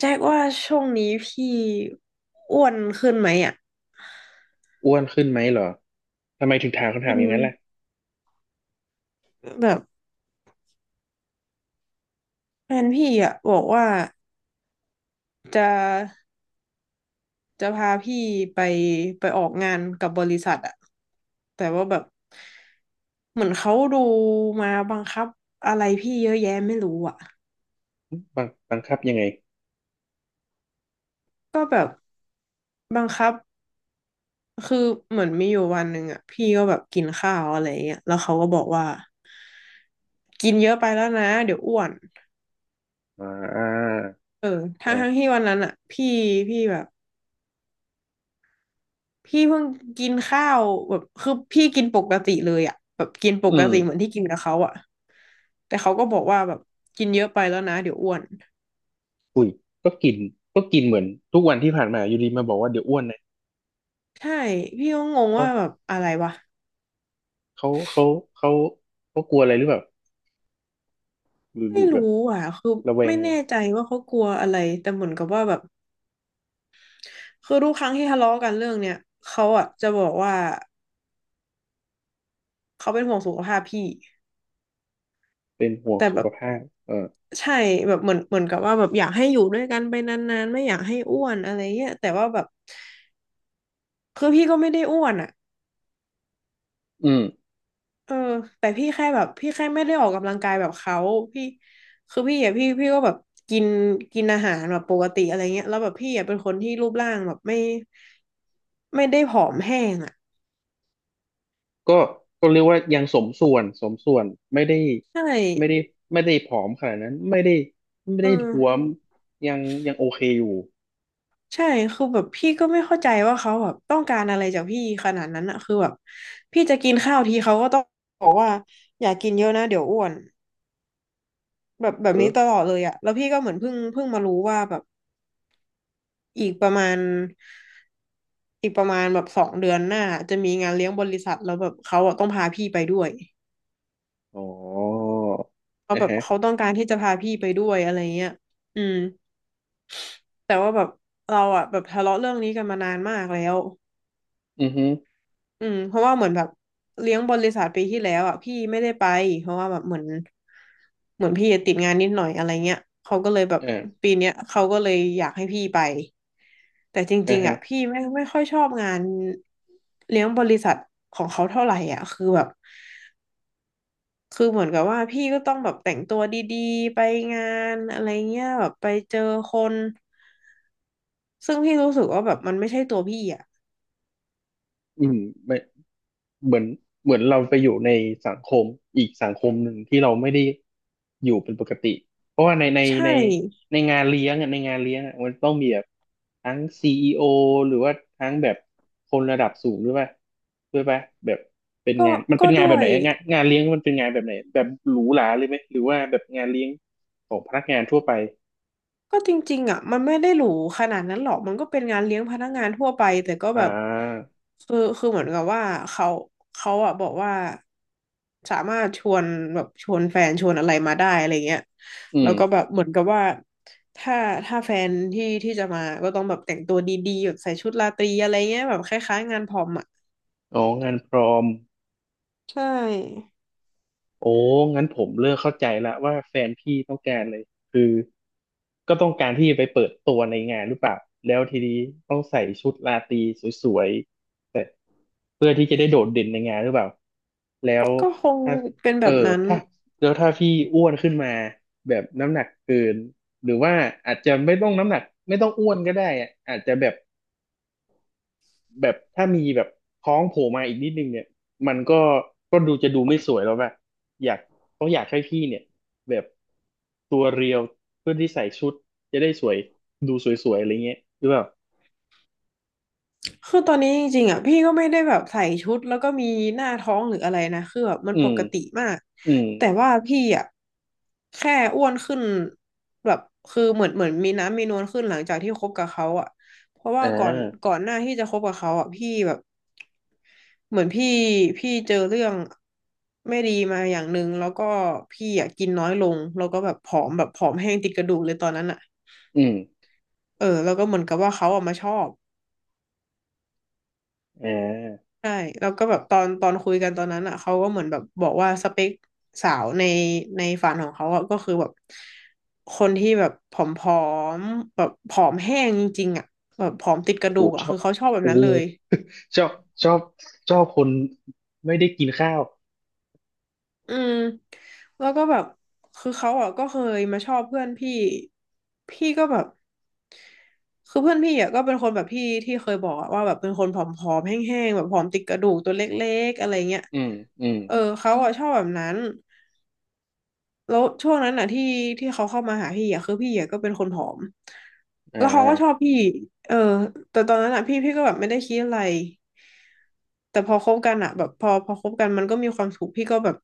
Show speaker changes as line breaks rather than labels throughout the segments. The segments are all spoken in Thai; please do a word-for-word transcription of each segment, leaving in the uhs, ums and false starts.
แจ็คว่าช่วงนี้พี่อ้วนขึ้นไหมอ่ะ
อ้วนขึ้นไหมเหรอ ทำไมถึงถามคำ
อื
ถามอย่าง
ม
นั้นล่ะ
แบบแฟนพี่อ่ะบอกว่าจะจะพาพี่ไปไปออกงานกับบริษัทอ่ะแต่ว่าแบบเหมือนเขาดูมาบังคับอะไรพี่เยอะแยะไม่รู้อ่ะ
บังบังคับยังไง
ก็แบบบังคับคือเหมือนมีอยู่วันหนึ่งอ่ะพี่ก็แบบกินข้าวอะไรอย่างเงี้ยแล้วเขาก็บอกว่ากินเยอะไปแล้วนะเดี๋ยวอ้วน
อ่า
เออทั้งทั้ง
เออ
ที่วันนั้นอ่ะพี่พี่แบบ พี่เพิ่งกินข้าวแบบคือพี่กินปกติเลยอ่ะแบบกินป
อื
ก
ม
ติเหมือนที่กินกับเขาอ่ะแต่เขาก็บอกว่าแบบกินเยอะไปแล้วนะเดี๋ยวอ้วน
อุ้ยก็กินก็กินเหมือนทุกวันที่ผ่านมาอยู่ดีมาบอกว่าเดี๋ยวอ้วนนะ
ใช่พี่ก็งง
เขา
ว่าแบบอะไรวะ
เขาเขาเขาเขากลัวอะไรหรือเปล่าหรือห
ไม่
รือแบบ
รู้อ่ะคือ
ระแว
ไม่
ง
แน่ใจว่าเขากลัวอะไรแต่เหมือนกับว่าแบบคือทุกครั้งที่ทะเลาะกันเรื่องเนี้ยเขาอ่ะจะบอกว่าเขาเป็นห่วงสุขภาพพี่
เป็นห่วง
แต่
สุ
แบ
ข
บ
ภาพเออ
ใช่แบบเหมือนเหมือนกับว่าแบบอยากให้อยู่ด้วยกันไปนานๆไม่อยากให้อ้วนอะไรเงี้ยแต่ว่าแบบคือพี่ก็ไม่ได้อ้วนอ่ะ
อืม
เออแต่พี่แค่แบบพี่แค่ไม่ได้ออกกำลังกายแบบเขาพี่คือพี่อ่ะพี่พี่ก็แบบกินกินอาหารแบบปกติอะไรเงี้ยแล้วแบบพี่อ่ะเป็นคนที่รูปร่างแบบไม่ไม่ได้ผอมแห้งอ่ะ
ก็ก็เรียกว่ายังสมส่วนสมส่วนไม่ได้
ใช่
ไม่ได้ไม่ได้ผอมขนาดนั้นไม่ได้ไม่
เ
ได้ท้ว
ออ
มยังยังโอเคอยู่
ใช่คือแบบพี่ก็ไม่เข้าใจว่าเขาแบบต้องการอะไรจากพี่ขนาดนั้นอะคือแบบพี่จะกินข้าวทีเขาก็ต้องบอกว่าอย่ากินเยอะนะเดี๋ยวอ้วนแบบแบบ
เอ
นี้
อ
ตลอดเลยอะแล้วพี่ก็เหมือนเพิ่งเพิ่งมารู้ว่าแบบอีกประมาณ อีกประมาณแบบสองเดือนหน้าจะมีงานเลี้ยงบริษัทแล้วแบบเขาอะต้องพาพี่ไปด้วย
อ๋อ
เขา
อ่า
แบบ
ฮะ
เขาต้องการที่จะพาพี่ไปด้วยอะไรเงี้ยอืมแต่ว่าแบบเราอะแบบทะเลาะเรื่องนี้กันมานานมากแล้ว
อือฮึ
อืมเพราะว่าเหมือนแบบเลี้ยงบริษัทปีที่แล้วอะพี่ไม่ได้ไปเพราะว่าแบบเหมือนเหมือนพี่ติดงานนิดหน่อยอะไรเงี้ยเขาก็เลยแบบ
อ่า
ปีเนี้ยเขาก็เลยอยากให้พี่ไปแต่จริ
อ่า
งๆ
ฮะ
อะพี่ไม่ไม่ค่อยชอบงานเลี้ยงบริษัทของเขาเท่าไหร่อ่ะคือแบบ คือเหมือนกับว่าพี่ก็ต้องแบบแต่งตัวดีๆไปงานอะไรเงี้ยแบบไปเจอคนซึ่งพี่รู้สึกว่าแบบมันไม่ใช่ตัวพี่อ่ะ
อืมไม่เหมือนเหมือนเราไปอยู่ในสังคมอีกสังคมหนึ่งที่เราไม่ได้อยู่เป็นปกติเพราะว่าในใน
ใช
ใน
่
ในงานเลี้ยงอ่ะในงานเลี้ยงอ่ะมันต้องมีแบบทั้งซีอีโอหรือว่าทั้งแบบคนระดับสูงด้วยป่ะด้วยป่ะแบบเป็น
ก็
งานมัน
ก็
เป็นงาน
ด้
แบ
ว
บไหน
ย
อะงานงานเลี้ยงมันเป็นงานแบบไหนแบบหรูหราเลยไหมหรือว่าแบบงานเลี้ยงของพนักงานทั่วไป
ก็จริงๆอ่ะมันไม่ได้หรูขนาดนั้นหรอกมันก็เป็นงานเลี้ยงพนักงานทั่วไปแต่ก็
อ่
แบบ
า
คือคือเหมือนกับว่าเขาเขาอ่ะบอกว่าสามารถชวนแบบชวนแฟนชวนอะไรมาได้อะไรเงี้ย
อื
แล้
ม
วก็แบบเหมือนกับว่าถ้าถ้าแฟนที่ที่จะมาก็ต้องแบบแต่งตัวดีๆแบบใส่ชุดราตรีอะไรเงี้ยแบบคล้ายๆงานพรอมอ่ะ
อ๋องานพรอม
ใช่
โอ้งั้นผมเลิ่มเข้าใจละว่าแฟนพี่ต้องการเลยคือก็ต้องการที่จะไปเปิดตัวในงานหรือเปล่าแล้วทีนี้ต้องใส่ชุดราตรีสวยๆแต่เพื่อที่จะได้โดดเด่นในงานหรือเปล่าแล้ว
ก็คง
ถ้า
เป็นแบ
เออ
บนั้น
ถ้าแล้วถ้าพี่อ้วนขึ้นมาแบบน้ำหนักเกินหรือว่าอาจจะไม่ต้องน้ำหนักไม่ต้องอ้วนก็ได้อะอาจจะแบบ แบบถ้ามีแบบท้องโผล่มาอีกนิดนึงเนี่ยมันก็ก็ดูจะดูไม่สวยแล้วแบบอยากต้องอยากให้พี่เนี่ยแบบตัวเรียวเพื่อที่ใส่ชุดจะได้สวยดูสวยๆอะไรเงี้ยหรือเปล่า
คือตอนนี้จริงๆอ่ะพี่ก็ไม่ได้แบบใส่ชุดแล้วก็มีหน้าท้องหรืออะไรนะคือแบบมัน
อื
ป
ม
กติมาก
อืม
แต่ว่าพี่อ่ะแค่อ้วนขึ้นแบบคือเหมือนเหมือนมีน้ำมีนวลขึ้นหลังจากที่คบกับเขาอ่ะเพราะว่า
อ่
ก่อนก่
า
อนหน้าที่จะคบกับเขาอ่ะพี่แบบเหมือนพี่พี่เจอเรื่องไม่ดีมาอย่างหนึ่งแล้วก็พี่อ่ะกินน้อยลงแล้วก็แบบผอมแบบผอมแห้งติดกระดูกเลยตอนนั้นอ่ะ
อืม
เออแล้วก็เหมือนกับว่าเขาออกมาชอบ
อ่า
ใช่แล้วก็แบบตอนตอนคุยกันตอนนั้นอ่ะเขาก็เหมือนแบบบอกว่าสเปคสาวในในฝันของเขาอ่ะก็คือแบบคนที่แบบผอมๆแบบผอมแห้งจริงๆอ่ะแบบผอมติดกระ
โอ้
ดู
โห
กอ่ะ
ชอ
คือ
บ
เขาชอบแบบ
โอ้
นั้
โห
นเลย
ชอบชอบชอบคนไม่ได้กินข้าว
อืมแล้วก็แบบคือเขาอ่ะก็เคยมาชอบเพื่อนพี่พี่ก็แบบคือเพื่อนพี่อ่ะก็เป็นคนแบบพี่ที่เคยบอกอะว่าแบบเป็นคนผอมๆแห้งๆแบบผอมติดกระดูกตัวเล็กๆอะไรเงี้ย
อืมอืม
เออเขาอ่ะชอบแบบนั้น แล้วช่วงนั้นน่ะที่ที่เขาเข้ามาหาพี่อ่ะคือพี่อ่ะก็เป็นคนผอม
อ่
แล้วเขาก็ชอบ
า
พี่เออแต่ตอนนั้นอ่ะพี่พี่ก็แบบไม่ได้คิดอะไรแต่พอคบกันอ่ะแบบพอพอคบกันมันก็มีความสุขพี่ก็แบบ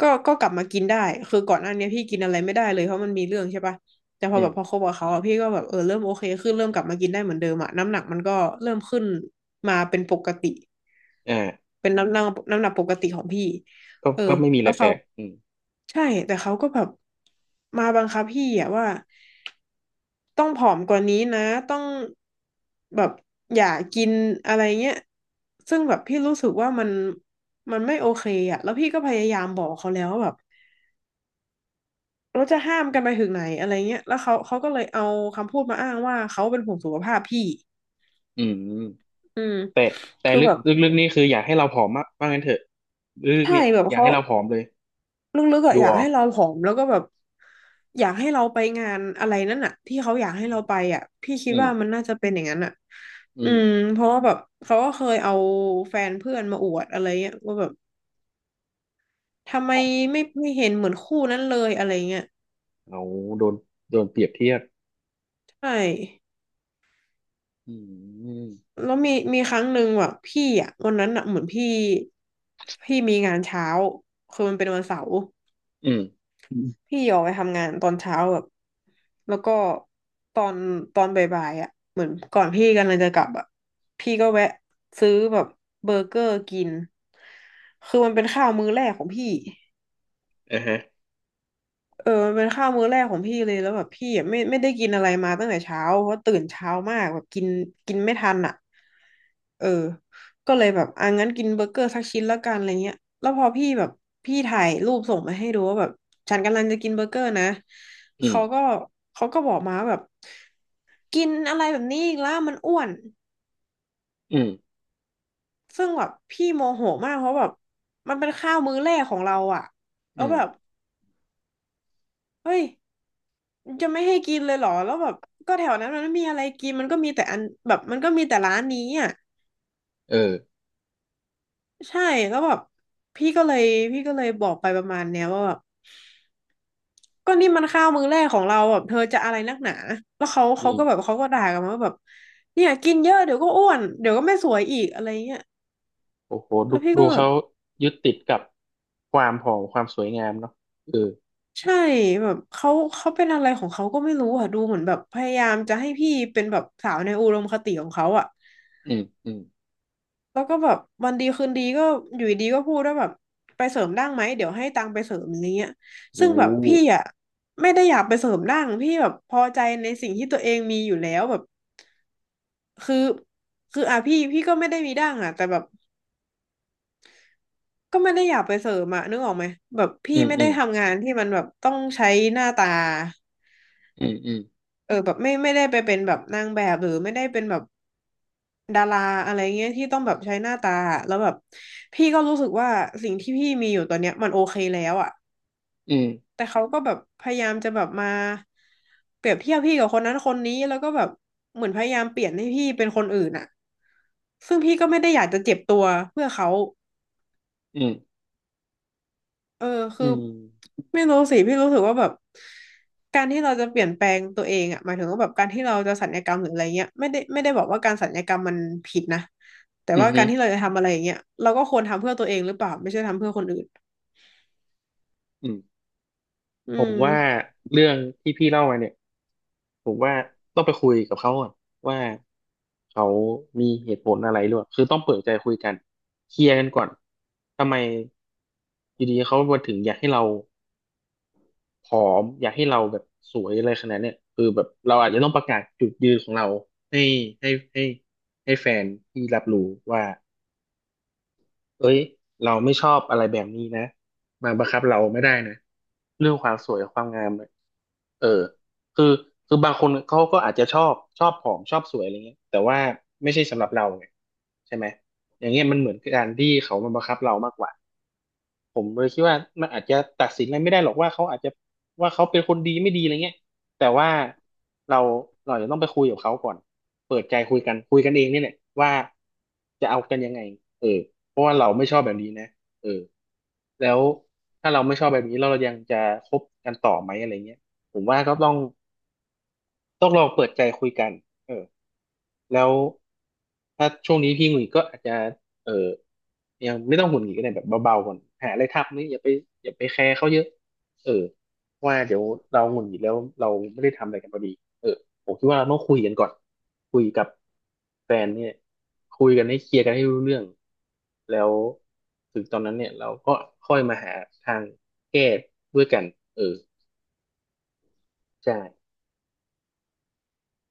ก็ก็กลับมากินได้คือก่อนหน้านี้พี่กินอะไรไม่ได้เลยเพราะมันมีเรื่องใช่ปะแต่พ
อื
อแบ
ม
บพอคบกับเขาอ่ะพี่ก็แบบเออเริ่มโอเคขึ้นเริ่มกลับมากินได้เหมือนเดิมอ่ะน้ำหนักมันก็เริ่มขึ้นมาเป็นปกติ
อ่า
เป็นน้ำหนักน้ำหนักปกติของพี่
ก็
เออ
ก็ไม่มีอะ
แล้
ไร
ว
แป
เขา
ลกอืม
ใช่แต่เขาก็แบบมาบังคับพี่อะว่าต้องผอมกว่านี้นะต้องแบบอย่ากินอะไรเงี้ยซึ่งแบบพี่รู้สึกว่ามันมันไม่โอเคอะแล้วพี่ก็พยายามบอกเขาแล้วว่าแบบเราจะห้ามกันไปถึงไหนอะไรเงี้ยแล้วเขาเขาก็เลยเอาคำพูดมาอ้างว่าเขาเป็นห่วงสุขภาพพี่
อืม
อืม
แต่แต่
คือ
ลึ
แบ
ก
บ
ลึกๆนี่คืออยากให้เราผอมมากว่างั้นเถอะลึกๆ
ใช่
เนี่ย
แบบ
อยาก
เขา
ให้เราผอมเลย
ลึกๆอะ
ดู
อยาก
ออ
ให้
ก
เราผอมแล้วก็แบบอยากให้เราไปงานอะไรนั่นอะที่เขาอยากให้
อื
เรา
ม
ไปอะพี่คิ
อื
ด
ม
ว่ามันน่าจะเป็นอย่างนั้นอะ
อื
อืม
ม
เพราะว่าแบบเขาก็เคยเอาแฟนเพื่อนมาอวดอะไรเงี้ยว่าแบบทำไมไม่ไม่เห็นเหมือนคู่นั้นเลยอะไรเงี้ย
เอาโดนโดนเปรียบเทียบ
ใช่
อืม
แล้วมีมีครั้งหนึ่งแบบพี่อะวันนั้นอะเหมือนพี่พี่มีงานเช้าคือมันเป็นวันเสาร์
อืม
พี่ออกไปทำงานตอนเช้าแบบแล้วก็ตอนตอนบ่ายๆอ่ะเหมือนก่อนพี่กำลังจะกลับอ่ะพี่ก็แวะซื้อแบบเบอร์เกอร์กินคือมันเป็นข้าวมื้อแรกของพี่
อ่าฮะ
เออมันเป็นข้าวมื้อแรกของพี่เลยแล้วแบบพี่อะไม่ไม่ได้กินอะไรมาตั้งแต่เช้าเพราะตื่นเช้ามากแบบกินกินไม่ทันอ่ะเออก็เลยแบบอ่ะงั้นกินเบอร์เกอร์สักชิ้นแล้วกันอะไรเงี้ยแล้วพอพี่แบบพี่ถ่ายรูปส่งมาให้ดูว่าแบบฉันกำลังจะกินเบอร์เกอร์นะ
อืม
เขาก็เขาก็บอกมาว่าแบบกินอะไรแบบนี้อีกแล้วมันอ้วน
อืม
ซึ่งแบบพี่โมโหมากเพราะแบบมันเป็นข้าวมื้อแรกของเราอ่ะแล้
อื
ว
ม
แบบเฮ้ย จะไม่ให้กินเลยเหรอ แล้วแบบก็แถวนั้นมันไม่มีอะไรกินมันก็มีแต่อันแบบมันก็มีแต่ร้านนี้อ่ะ
เออ
ใช่แล้วแบบพี่ก็เลยพี่ก็เลยบอกไปประมาณเนี้ยว่าแบบก็นี่มันข้าวมื้อแรกของเราแบบเธอจะอะไรนักหนาแล้วเขาเขาก็แบบ
นี่
เขาก็ด่ากันมาว่าแบบเนี่ยกินเยอะเดี๋ยวก็อ้วนเดี๋ยวก็ไม่สวยอีกอะไรเงี้ย
โอ้โหดู
แล้วพี่
ดู
ก็แบบ
เขายึดติดกับความผอมความสวยงามเนาะเออ
ใช่แบบเขาเขาเป็นอะไรของเขาก็ไม่รู้อ่ะดูเหมือนแบบพยายามจะให้พี่เป็นแบบสาวในอุดมคติของเขาอ่ะ
อืมอืม
แล้วก็แบบวันดีคืนดีก็อยู่ดีก็พูดว่าแบบไปเสริมดั้งไหมเดี๋ยวให้ตังค์ไปเสริมอย่างเงี้ย
โอ้
ซึ่งแบบพี่อ่ะไม่ได้อยากไปเสริมดั้งพี่แบบพอใจในสิ่งที่ตัวเองมีอยู่แล้วแบบคือคืออ่ะพี่พี่ก็ไม่ได้มีดั้งอ่ะแต่แบบก็ไม่ได้อยากไปเสริมอ่ะนึกออกไหมแบบพี่
อืม
ไม่
อื
ได้
ม
ทำงานที่มันแบบต้องใช้หน้าตา
อืมอืม
เออแบบไม่ไม่ได้ไปเป็นแบบนางแบบหรือไม่ได้เป็นแบบดาราอะไรเงี้ยที่ต้องแบบใช้หน้าตาอะแล้วแบบพี่ก็รู้สึกว่าสิ่งที่พี่มีอยู่ตอนเนี้ยมันโอเคแล้วอ่ะ
อืม
แต่เขาก็แบบพยายามจะแบบมาเปรียบเทียบพี่กับคนนั้นคนนี้แล้วก็แบบเหมือนพยายามเปลี่ยนให้พี่เป็นคนอื่นอะซึ่งพี่ก็ไม่ได้อยากจะเจ็บตัวเพื่อเขา
อืม
เออคื
อื
อ
ม
ไม่รู้สิพี่รู้สึกว่าแบบการที่เราจะเปลี่ยนแปลงตัวเองอะหมายถึงว่าแบบการที่เราจะสัญญกรรมหรืออะไรเงี้ยไม่ได้ไม่ได้บอกว่าการสัญญกรรมมันผิดนะแต่
อื
ว่าการ
ม
ที่เราจะทำอะไรอย่างเงี้ยเราก็ควรทำเพื่อตัวเองหรือเปล่าไม่ใช่ทำเพื่อคนอื่น
อืม
อื
ผม
ม
ว่าเรื่องที่พี่เล่ามาเนี่ยผมว่าต้องไปคุยกับเขาก่อนว่าเขามีเหตุผลอะไรหรือเปล่าคือต้องเปิดใจคุยกันเคลียร์กันก่อนทำไมอยู่ดีเขามาถึงอยากให้เราผอมอยากให้เราแบบสวยอะไรขนาดเนี้ยคือแบบเราอาจจะต้องประกาศจุดยืนของเราให้ให้ให้ให้แฟนที่รับรู้ว่า เอ้ยเราไม่ชอบอะไรแบบนี้นะมาบังคับเราไม่ได้นะเรื่องความสวยความงามเนี่ยเออคือคือบางคนเขาก็อาจจะชอบชอบผอมชอบสวยอะไรเงี้ยแต่ว่าไม่ใช่สำหรับเราไงใช่ไหมอย่างเงี้ยมันเหมือนการที่เขามาบังคับเรามากกว่า ผมเลยคิดว่ามันอาจจะตัดสินอะไรไม่ได้หรอกว่าเขาอาจจะว่าเขาเป็นคนดีไม่ดีอะไรเงี้ยแต่ว่าเราเราจะต้องไปคุยกับเขาก่อนเปิดใจคุยกันคุยกันเองเนี่ยแหละว่าจะเอากันยังไงเออเพราะว่าเราไม่ชอบแบบนี้นะเออแล้วถ้าเราไม่ชอบแบบนี้เรายังจะคบกันต่อไหมอะไรเงี้ยผมว่าก็ต้องต้องลองเปิดใจคุยกันเออ แล้วถ้าช่วงนี้พี่หงุดหงิดก็อาจจะเออยังไม่ต้องหงุดหงิดก็ได้แบบเบาๆก่อนหาอะไรทำนี่อย่าไปอย่าไปแคร์เขาเยอะเออว่าเดี๋ยวเราหงุดหงิดแล้วเราไม่ได้ทำอะไรกันพอดีเออผมคิดว่าเราต้องคุยกันก่อนคุยกับแฟนเนี่ยคุยกันให้เคลียร์กันให้รู้เรื่องแล้วถึงตอนนั้นเนี่ยเราก็ค่อยมาหาทางแก้ด้วยกันเออใช่